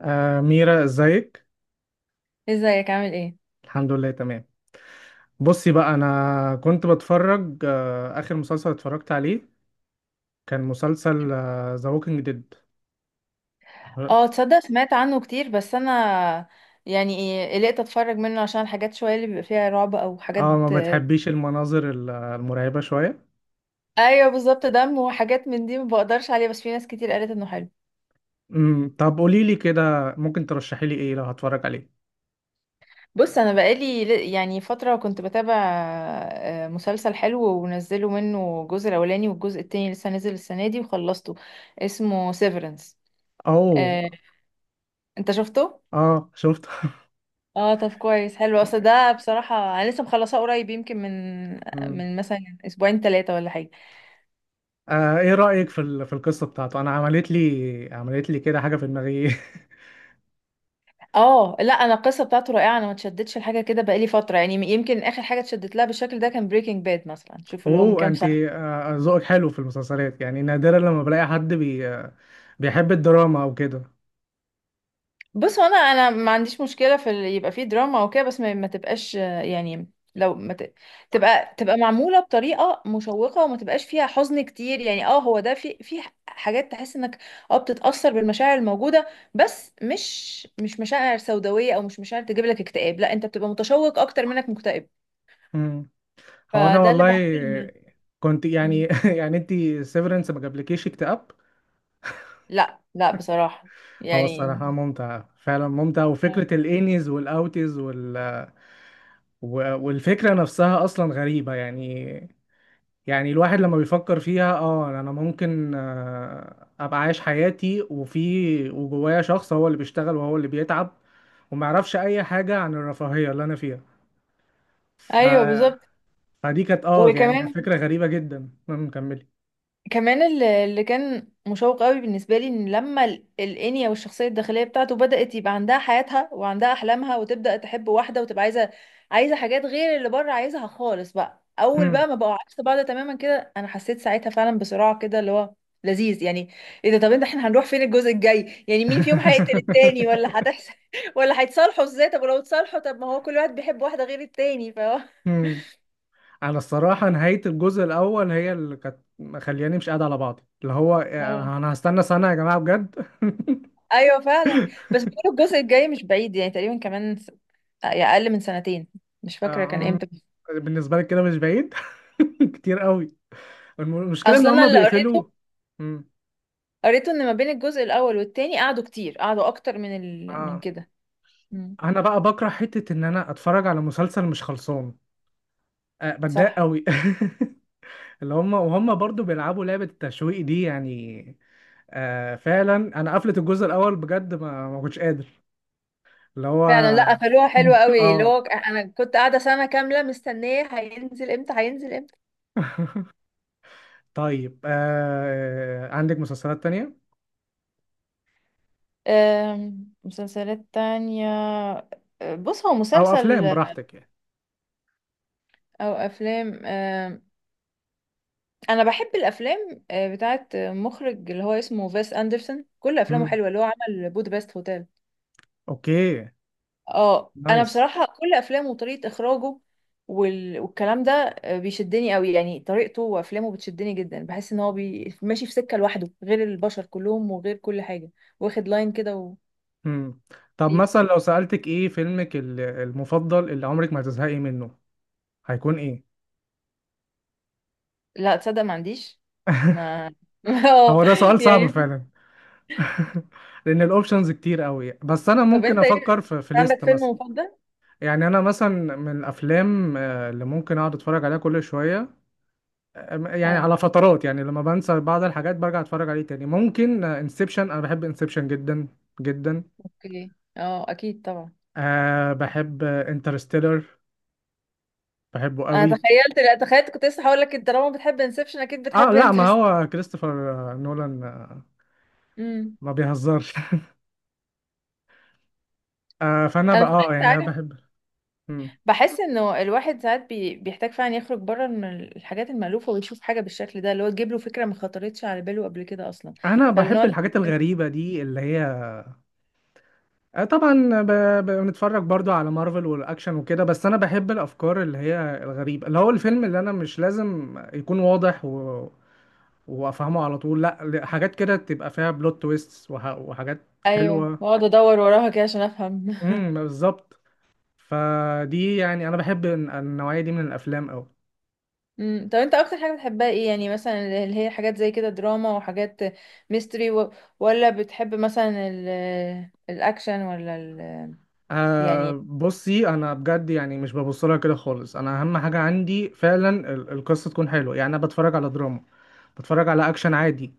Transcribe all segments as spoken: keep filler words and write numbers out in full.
آه ميرا، ازيك؟ ازيك؟ عامل ايه؟ الحمد لله تمام. بصي بقى، انا كنت بتفرج آه اخر مسلسل اتفرجت عليه كان مسلسل ذا ووكينج ديد. اه. اه تصدق سمعت عنه كتير، بس انا يعني ايه قلقت اتفرج منه عشان الحاجات شويه اللي بيبقى فيها رعب او حاجات. آه، ما بتحبيش المناظر ال- المرعبة شوية. ايوه بالظبط، دم وحاجات من دي ما بقدرش عليها، بس في ناس كتير قالت انه حلو. امم طب قولي لي كده، ممكن ترشحي لي ايه لو هتفرج عليه؟ بص، انا بقالي ل- يعني فتره كنت بتابع آه، مسلسل حلو، ونزلوا منه الجزء الاولاني، والجزء التاني لسه نازل السنه دي، وخلصته. اسمه سيفرنس. او انت شفته؟ اه شفت. اه طب كويس. حلو اصل ده بصراحة. انا لسه مخلصاه قريب، يمكن من مم. من مثلا اسبوعين ثلاثة ولا حاجة. آه، ايه رأيك في ال- في القصة بتاعته؟ انا عملت لي عملت لي كده حاجة في دماغي. اه لا، انا القصة بتاعته رائعة، انا ما اتشدتش لحاجة كده بقالي فترة، يعني يمكن اخر حاجة اتشدت لها بالشكل ده كان بريكنج باد مثلا، شوف، اللي هو من اوه كام انت سنة. آه، ذوقك حلو في المسلسلات، يعني نادرا لما بلاقي حد بي آه، بيحب الدراما او كده. بص، هو انا انا ما عنديش مشكله في ال- يبقى فيه دراما وكده، بس ما, ما تبقاش آه، يعني، لو ما ت... تبقى تبقى معموله بطريقه مشوقه وما تبقاش فيها حزن كتير. يعني اه هو ده، في في حاجات تحس انك اه بتتاثر بالمشاعر الموجوده، بس مش مش مشاعر سوداويه، او مش مشاعر تجيب لك اكتئاب، لا، انت بتبقى متشوق اكتر منك مكتئب. مم. هو انا فده اللي بحب والله لما. آه، كنت يعني مم. يعني انت سيفرنس ما جابلكيش اكتئاب؟ لا لا، بصراحه هو يعني. الصراحة ممتع، فعلا ممتع، وفكرة الانيز والاوتيز وال... و- والفكرة نفسها اصلا غريبة يعني. يعني الواحد لما بيفكر فيها، اه يعني انا ممكن آه، ابقى عايش حياتي وفي وجوايا شخص هو اللي بيشتغل وهو اللي بيتعب وما يعرفش اي حاجة عن الرفاهية اللي انا فيها. ف... ايوه بالظبط. فدي كانت اه يعني كانت وكمان، فكرة غريبة جدا. المهم كملي. كمان اللي اللي كان مشوق قوي بالنسبه لي، ان لما ال- الانيا والشخصيه الداخليه بتاعته بدات يبقى عندها حياتها وعندها احلامها، وتبدا تحب واحده، وتبقى عايزه عايزه حاجات غير اللي بره عايزها خالص. بقى اول مم. بقى ما بقوا عكس بعض تماما كده، انا حسيت ساعتها فعلا بصراع كده اللي هو لذيذ يعني. ايه ده؟ طب انت، احنا هنروح فين الجزء الجاي؟ يعني مين فيهم هيقتل التاني، ولا هتحصل، ولا هيتصالحوا ازاي؟ طب ولو اتصالحوا، طب ما هو كل واحد بيحب واحده غير التاني، فهو. مم. انا الصراحة نهاية الجزء الاول هي اللي كانت مخلياني مش قاعد على بعضي، اللي هو انا أنا هستنى سنة يا جماعة بجد. ايوه فعلا. بس بيقولوا الجزء الجاي مش بعيد، يعني تقريبا كمان س... يعني اقل من سنتين، مش فاكره كان آه، امتى. بالنسبة لك كده مش بعيد. كتير قوي. الم- المشكله ان اصلا انا هم اللي قريته، بيقفلوا. مم. قريته ان ما بين الجزء الاول والتاني قعدوا كتير، قعدوا اكتر من ال... من اه كده. مم. انا بقى بكره حته ان انا اتفرج على مسلسل مش خلصان، أه بتضايق صح. قوي. اللي هم، وهم برضو بيلعبوا لعبه التشويق دي يعني. أه فعلا. انا قفلت الجزء الاول بجد، ما ما كنتش قادر، اللي هو. فعلا، لا، قفلوها حلوه قوي، اللي اه. هو انا كنت قاعده سنه كامله مستنيه هينزل امتى، هينزل امتى. طيب أه عندك مسلسلات تانية أم، مسلسلات تانية. أه، بص، هو او مسلسل افلام؟ براحتك يعني. او افلام. انا بحب الافلام آه، بتاعت مخرج اللي هو اسمه فيس اندرسون، كل افلامه مم. حلوه، اللي هو عمل بودابست هوتيل. اوكي. اه انا نايس. بصراحه كل افلامه وطريقه اخراجه وال... والكلام ده آه، بيشدني قوي، يعني طريقته وافلامه بتشدني جدا، بحس ان هو بي... ماشي في سكه لوحده غير البشر كلهم وغير كل حاجه، واخد لاين كده و... مم. طب غريب. مثلا لو سألتك ايه فيلمك ال- المفضل اللي عمرك ما هتزهقي منه، هيكون ايه؟ لا تصدق، ما عنديش. ما. اه هو ده سؤال صعب يعني. فعلا. لان الاوبشنز كتير قوي، بس انا طب ممكن انت افكر ايه؟ في في عندك ليست فيلم مثلا. مفضل؟ يعني انا مثلا من الافلام آه، اللي ممكن اقعد اتفرج عليها كل شويه، آه، يعني اه على فترات، يعني لما بنسى بعض الحاجات برجع اتفرج عليه تاني، ممكن انسبشن. انا بحب انسبشن جدا جدا. اوكي، اه اكيد طبعا. أه بحب انترستيلر، بحبه انا قوي. تخيلت، لا، تخيلت، كنت لسه هقول لك انت طالما بتحب انسبشن اكيد اه بتحب لا ما انترست. هو كريستوفر آه، نولان آه، امم. ما بيهزرش. آه فانا انا بقى اه يعني ساعات انا عارف، بحب، بحس انه الواحد ساعات بي... بيحتاج فعلا يخرج بره من الحاجات المألوفة، ويشوف حاجة بالشكل ده اللي هو تجيب له فكرة ما خطرتش على باله قبل كده اصلا. انا بحب فالنوع ده. الحاجات الغريبه دي اللي هي آه، طبعا ب... ب... بنتفرج برضو على مارفل والاكشن وكده، بس انا بحب الافكار اللي هي الغريبه، اللي هو الفيلم اللي انا مش لازم يكون واضح و... وافهمه على طول، لا، ل- حاجات كده تبقى فيها بلوت تويست وح... وحاجات ايوه، حلوه. واقعد ادور وراها كده عشان افهم. امم بالظبط. فدي يعني انا بحب الن- النوعيه دي من الافلام قوي. امم. طب انت اكتر حاجة بتحبها ايه؟ يعني مثلا، اللي هي حاجات زي كده دراما وحاجات، ميستري و... ولا بتحب مثلا ال... الاكشن، ولا ال... أه يعني. بصي انا بجد يعني مش ببص لها كده خالص، انا اهم حاجه عندي فعلا ال- القصه تكون حلوه. يعني انا بتفرج على دراما، بتفرج على اكشن عادي،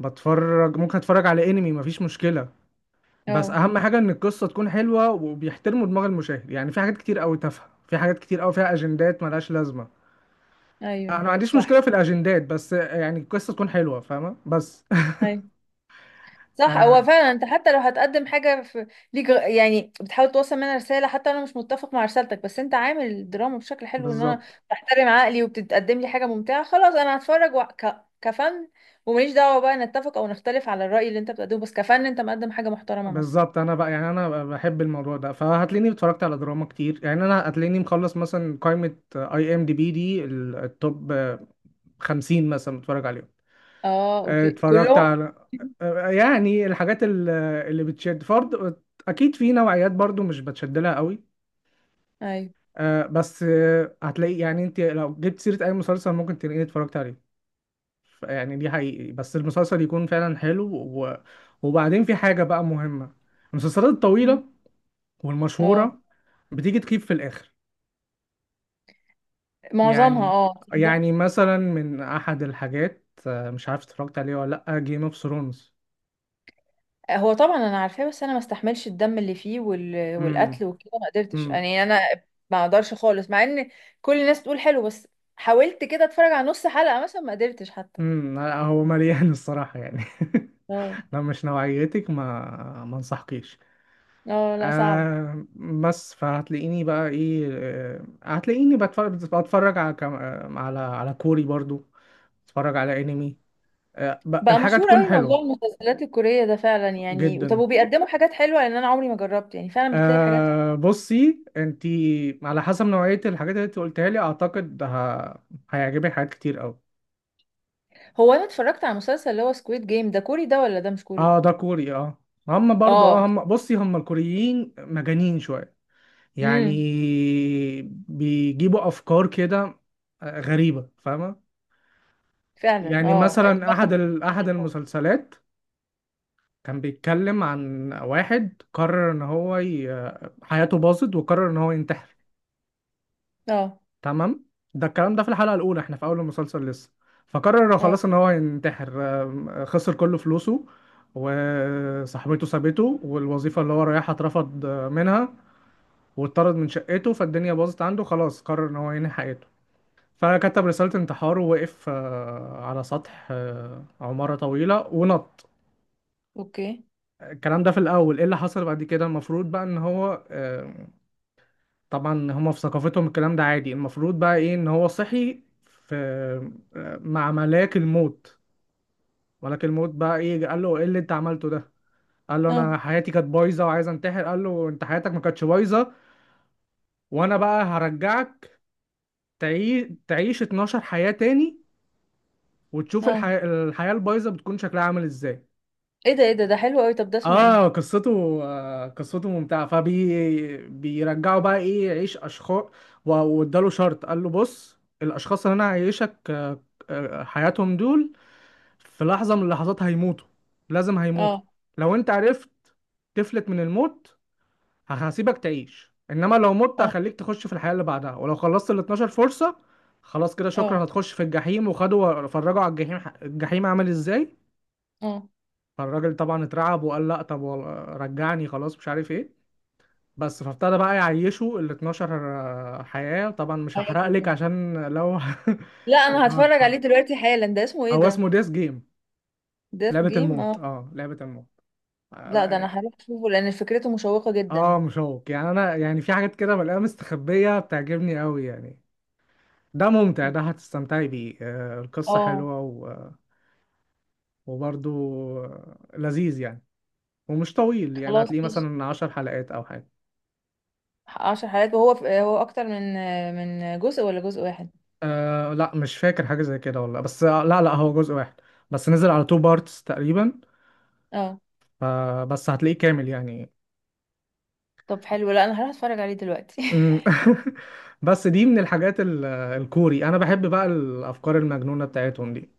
بتفرج، ممكن اتفرج على انمي مفيش مشكله، بس اه اهم حاجه ان القصه تكون حلوه وبيحترموا دماغ المشاهد. يعني في حاجات كتير قوي تافهه، في حاجات كتير قوي فيها اجندات ملهاش لازمه. انا ايوه ما عنديش صح. مشكله في الاجندات بس يعني القصه تكون حلوه، فاهمه بس؟ أيوه. صح، آه هو فعلا انت حتى لو هتقدم حاجه في ليك غ- يعني بتحاول توصل منها رساله، حتى انا مش متفق مع رسالتك، بس انت عامل الدراما بشكل حلو ان انا بالظبط. بحترم عقلي، وبتقدم لي حاجه ممتعه، خلاص انا هتفرج و... ك... كفن، وماليش دعوه بقى نتفق او نختلف على الراي اللي انت بتقدمه، بس كفن انت مقدم حاجه محترمه مثلا. بالظبط، انا بقى يعني انا بحب الموضوع ده، فهتلاقيني اتفرجت على دراما كتير. يعني انا هتلاقيني مخلص مثلا قائمه اي ام دي بي دي ال- التوب خمسين مثلا، متفرج عليهم. اه آه، اوكي، اتفرجت كلهم. على آه، يعني الحاجات ال- اللي بتشد فرض. اكيد في نوعيات برضو مش بتشد لها قوي ايوه. آه، بس آه، هتلاقي يعني انت لو جبت سيرة اي مسلسل ممكن تلاقيني اتفرجت عليه. ف- يعني دي حقيقي، بس المسلسل يكون فعلا حلو و... وبعدين في حاجة بقى مهمة، المسلسلات مم. الطويلة اه والمشهورة بتيجي تخيب في الاخر معظمها. يعني. اه تصدق، يعني مثلا من احد الحاجات آه، مش عارف اتفرجت عليه ولا لا، جيم اوف ثرونز. هو طبعا انا عارفاه، بس انا ما استحملش الدم اللي فيه وال... والقتل وكده، ما قدرتش امم. يعني، انا ما اقدرش خالص، مع ان كل الناس تقول حلو، بس حاولت كده اتفرج على نص حلقة مثلا ما قدرتش حتى. امم لا، هو مليان الصراحة يعني. اه. لو مش نوعيتك ما ما انصحكيش. اه لا، صعب. آه بس فهتلاقيني بقى ايه، آه، هتلاقيني بتفرج، بتفرج على كم- آه، على على كوري برضو، بتفرج على انمي، آه ب- بقى الحاجة مشهور تكون قوي موضوع حلوة المسلسلات الكورية ده فعلا، يعني طب جدا. وبيقدموا حاجات حلوة؟ لان انا عمري ما جربت، يعني فعلا بتلاقي حاجات. آه بصي انتي على حسب نوعية الحاجات اللي انت قلتها لي، اعتقد ه... هيعجبك حاجات كتير قوي. هو انا اتفرجت على مسلسل اللي هو سكويد جيم، ده كوري ده ولا ده مش كوري؟ اه ده كوري اه. هم برضو اه، اه. هم بصي هم الكوريين مجانين شوية يعني، امم. بيجيبوا افكار كده آه، غريبه فاهمه؟ فعلا يعني اه. مثلا احد ال... احد المسلسلات كان بيتكلم عن واحد قرر ان هو ي... حياته باظت وقرر ان هو ينتحر. اه. تمام؟ ده الكلام ده في الحلقه الاولى، احنا في اول المسلسل لسه. فقرر اه. خلاص ان هو ينتحر، آم، خسر كل فلوسه وصاحبته سابته والوظيفه اللي هو رايحها اترفض آه، منها واتطرد من شقته، فالدنيا باظت عنده، خلاص قرر ان هو ينهي حياته. فكتب رسالة انتحار ووقف آه، على سطح آه، عمارة طويلة ونط. اوكي. الكلام ده في الأول. إيه اللي حصل بعد كده؟ المفروض بقى إن هو آه، طبعا هما في ثقافتهم الكلام ده عادي، المفروض بقى إيه، إن هو صحي في آه، مع ملاك الموت. ملاك الموت بقى إيه؟ قال له إيه اللي أنت عملته ده؟ قال له اه. أنا حياتي كانت بايظة وعايز أنتحر. قال له أنت حياتك ما كانتش بايظة، وأنا بقى هرجعك تعيش تعيش اتناشر حياة تاني وتشوف اه. الحياة الحياة البايظة بتكون شكلها عامل إزاي. ايه ده؟ ايه ده؟ ده حلو قوي، طب ده اسمه ايه؟ اه قصته، آه قصته ممتعه، فبي بيرجعوا بقى ايه يعيش اشخاص. واداله شرط، قال له بص الاشخاص اللي انا هعيشك آه، آه، حياتهم دول في لحظه من اللحظات هيموتوا، لازم هيموتوا. اه. لو انت عرفت تفلت من الموت هسيبك تعيش، انما لو مت اه. هخليك تخش في الحياه اللي بعدها، ولو خلصت ال اتناشر فرصه خلاص كده شكرا، اه. هتخش في الجحيم. وخدوا فرجوا على الجحيم، الجحيم عامل ازاي. اه. فالراجل طبعا اترعب وقال لا طب وال- رجعني خلاص مش عارف ايه. بس فابتدى بقى يعيشوا ال اتناشر آه، حياة. طبعا مش هحرق هياكل لك ده؟ عشان لو لا انا لو هتفرج عليه هتتفرج. دلوقتي حالا، ده اسمه ايه هو ده؟ اسمه ديس جيم، ديث لعبة جيم. اه. الموت، اه لعبة الموت لا ده انا اه. هروح اشوفه لان فكرته مشوقة آه، جدا. مشوق يعني، انا يعني في حاجات كده بلاقيها مستخبية بتعجبني قوي يعني. ده ممتع، ده هتستمتعي بيه آه، القصة اه. حلوة و- وبرضه آه، لذيذ يعني. ومش طويل، يعني خلاص هتلاقيه ماشي. مثلا عشر حلقات او حاجة. عشر حلقات، وهو في، هو اكتر من من جزء ولا جزء واحد؟ آه لا مش فاكر حاجة زي كده والله، بس آه، لا لا هو جزء واحد بس نزل على تو بارتس تقريبا، اه. فبس هتلاقيه كامل يعني. طب حلو، لا انا هروح اتفرج عليه دلوقتي. أمم. بس دي من الحاجات ال- الكوري، انا بحب بقى الافكار المجنونة بتاعتهم دي.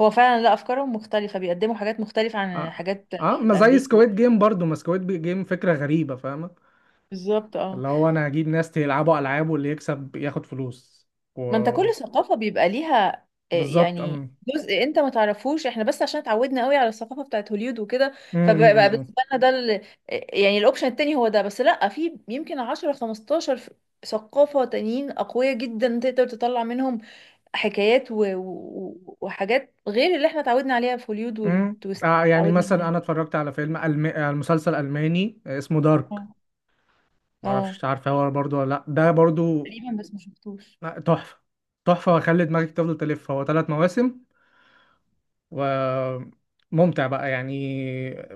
هو فعلا، لا، افكارهم مختلفة، بيقدموا حاجات مختلفة عن اه الحاجات اه، ما زي الامريكي. سكويد جيم برضو، ما سكويد جيم فكرة غريبة فاهمة؟ بالظبط اه. اللي هو انا هجيب ناس يلعبوا العاب واللي يكسب ياخد فلوس و... ما انت كل ثقافة بيبقى ليها آه، بالظبط. يعني أم. جزء انت ما تعرفوش، احنا بس عشان اتعودنا قوي على الثقافة بتاعت هوليود وكده. أم، فبقى أم، أم، بقى أم. بالنسبة لنا ده ال- آه، يعني الاوبشن التاني هو ده، بس لا، في يمكن عشرة خمستاشر ف- ثقافة تانيين أقوياء جدا تقدر تطلع منهم حكايات و... و... وحاجات غير اللي احنا اتعودنا عليها في هوليود، أم. والتويست اللي آه يعني اتعودنا مثلا عليها. انا اتفرجت على فيلم ألم... آه، مسلسل الماني آه، اسمه دارك. اه. معرفش اه انت عارفه هو برضو ولا لا؟ ده برضو. تقريبا، بس ما شفتوش. لا، تحفه، تحفه وهيخلي دماغك تفضل تلف، هو ثلاث مواسم وممتع بقى يعني.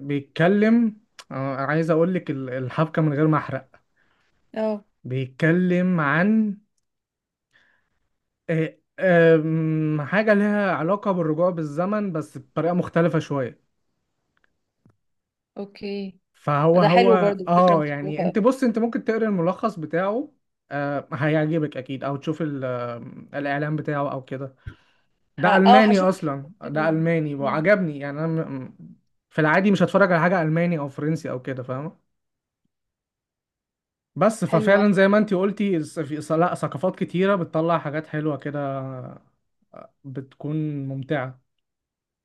بيتكلم آه، عايز اقول لك ال- الحبكه من غير ما احرق. اه بيتكلم عن آه، آم، حاجه لها علاقه بالرجوع بالزمن بس بطريقه مختلفه شويه. اوكي. فهو ده هو حلو برضو، فكرة اه يعني مشوقة. انت بص، انت ممكن تقرا الملخص بتاعه آه، هيعجبك اكيد، او تشوف ال- آه، الاعلان بتاعه او كده. ه... ده اه الماني هشوف اصلا ده كده. الماني وعجبني. يعني انا م- م- في العادي مش هتفرج على حاجه الماني او فرنسي او كده، فاهمه؟ بس حلوة. ففعلا زي ما انتي قلتي، الس- في س- لا، ثقافات كتيره بتطلع حاجات حلوه كده، بتكون ممتعه.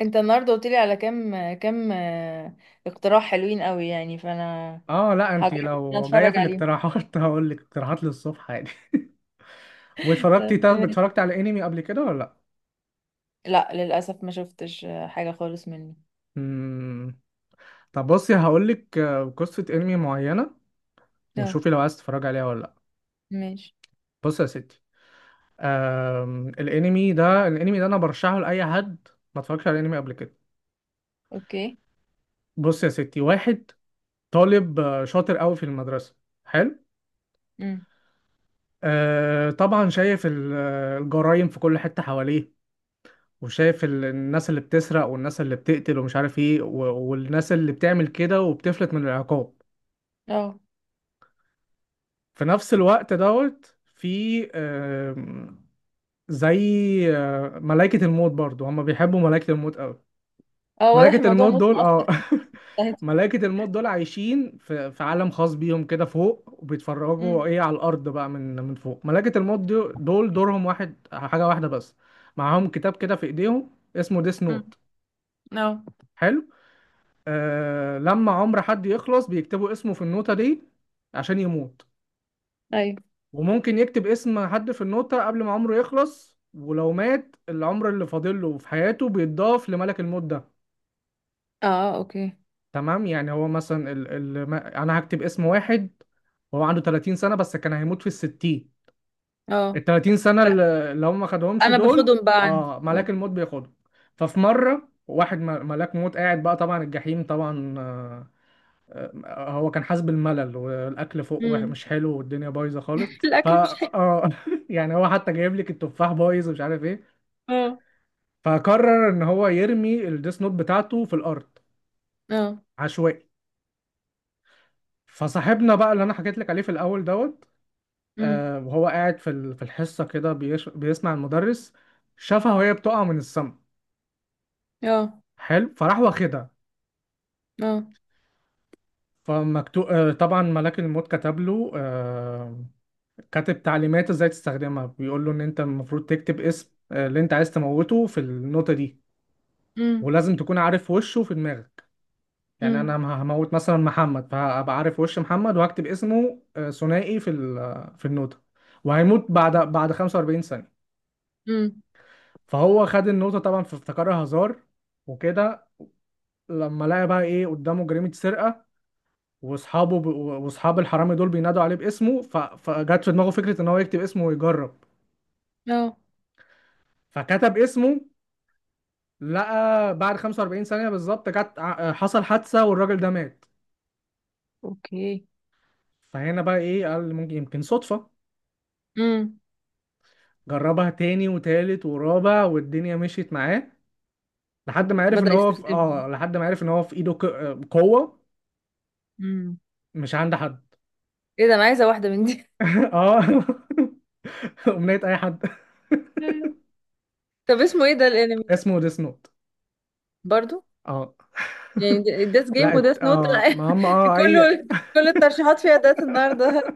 انت النهارده قلت لي على كام كام آه، اقتراح حلوين قوي يعني، فانا اه لا انتي هجرب ان أنا لو جايه في اتفرج عليهم. الاقتراحات هقول لك اقتراحات للصبح عادي. واتفرجتي؟ طب تمام. اتفرجتي على انمي قبل كده ولا لا؟ لا للاسف ما شفتش آه، حاجه خالص مني. مم. طب بصي هقول لك قصه انمي معينه، اه. وشوفي لو عايز تتفرجي عليها ولا لا. ماشي. بصي يا ستي، آم، الانمي ده الانمي ده انا برشحه لاي حد ما اتفرجش على الانمي قبل كده. اوكي. بص يا ستي، واحد طالب آه، شاطر قوي في المدرسه، حلو. امم. آه طبعا شايف ال- آه، الجرايم في كل حته حواليه، وشايف ال- الناس اللي بتسرق والناس اللي بتقتل ومش عارف ايه، و- والناس اللي بتعمل كده وبتفلت من العقاب. اه. في نفس الوقت دوت في آم، زي آه، ملائكة الموت. برضو هما بيحبوا ملائكة الموت قوي. اه. واضح، ملائكة الموضوع الموت نط دول اه اصلا. ملائكة الموت دول عايشين في في عالم خاص بيهم كده فوق، وبيتفرجوا امم. ايه على الأرض بقى من من فوق. ملائكة الموت دو- دول دورهم واحد، حاجة واحدة بس، معاهم كتاب كده في ايديهم اسمه ديس امم. نوت، اه. حلو. آه لما عمر حد يخلص بيكتبوا اسمه في النوتة دي عشان يموت. ايوه. وممكن يكتب اسم حد في النوتة قبل ما عمره يخلص، ولو مات العمر اللي فاضله في حياته بيتضاف لملك الموت ده. اه اوكي. تمام؟ يعني هو مثلا ال... ال... ما- انا هكتب اسم واحد وهو عنده تلاتين سنة بس كان هيموت في الستين، ال اه تلاتين سنة ب- اللي اللي هم ما خدهمش انا دول باخدهم بقى عندي. اه ملاك الموت بياخدهم. ففي مرة واحد م- ملاك موت قاعد بقى، طبعا الجحيم طبعا آه، آه، هو كان حاسس بالملل والاكل فوق وح- امم. مش حلو والدنيا بايظه خالص. فا الاكل مش حلو. اه يعني هو حتى جايب لك التفاح بايظ ومش عارف ايه. اه. فقرر ان هو يرمي الديس نوت بتاعته في الارض اه. عشوائي. فصاحبنا بقى اللي انا حكيت لك عليه في الاول دوت امم. آه، وهو قاعد في ال- في الحصة كده بيش- بيسمع المدرس، شافها وهي بتقع من السما، اه. حلو. فراح واخدها. اه. فمكتوب آه، طبعا ملاك الموت كتب له آه، كاتب تعليمات ازاي تستخدمها، بيقول له ان انت المفروض تكتب اسم آه، اللي انت عايز تموته في النوتة دي، امم. ولازم تكون عارف وشه في دماغك. يعني امم. انا ه- هموت مثلا محمد، فهبقى عارف وش محمد وهكتب اسمه آه، ثنائي في ال- في النوتة، وهيموت بعد بعد خمسة واربعين ثانية. امم. فهو خد النقطة طبعا فافتكرها هزار وكده. لما لقى بقى ايه قدامه جريمة سرقة، واصحابه ب... واصحاب الحرامي دول بينادوا عليه باسمه، ف... فجت في دماغه فكرة ان هو يكتب اسمه ويجرب. اه فكتب اسمه، لقى بعد خمسة واربعين ثانية بالظبط جت ع- حصل حادثة والراجل ده مات. اوكي. فهنا بقى ايه قال ممكن يمكن صدفة. امم. جربها تاني وتالت ورابع والدنيا مشيت معاه، أوك- لحد ما عرف ان بدأ هو في... يستخدمها. اه لحد ما عرف ان هو في ايده ك... قوة امم. مش عند حد. ايه ده؟ انا عايزة واحدة من دي. اه أغنية أي حد. طب اسمه ايه ده الانمي ده؟ اسمه ديس نوت برضو؟ اه. يعني ديس لا جيم ات- وديس نوت. اه ما هم اه اي. كله، كل الترشيحات فيها دات النهارده.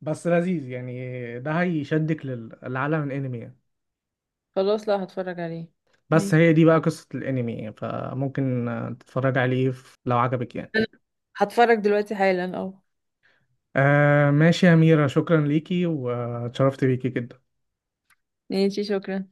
بس لذيذ يعني، ده هيشدك لل- للعالم الانمي يعني. خلاص، لا، هتفرج عليه. بس ماشي. هي دي بقى قصة الانمي يعني، فممكن آه، تتفرج عليه في- لو عجبك يعني. انا هتفرج دلوقتي حالا. اه، آه ماشي يا أميرة، شكرا ليكي واتشرفت بيكي جدا. ماشي، شكرا.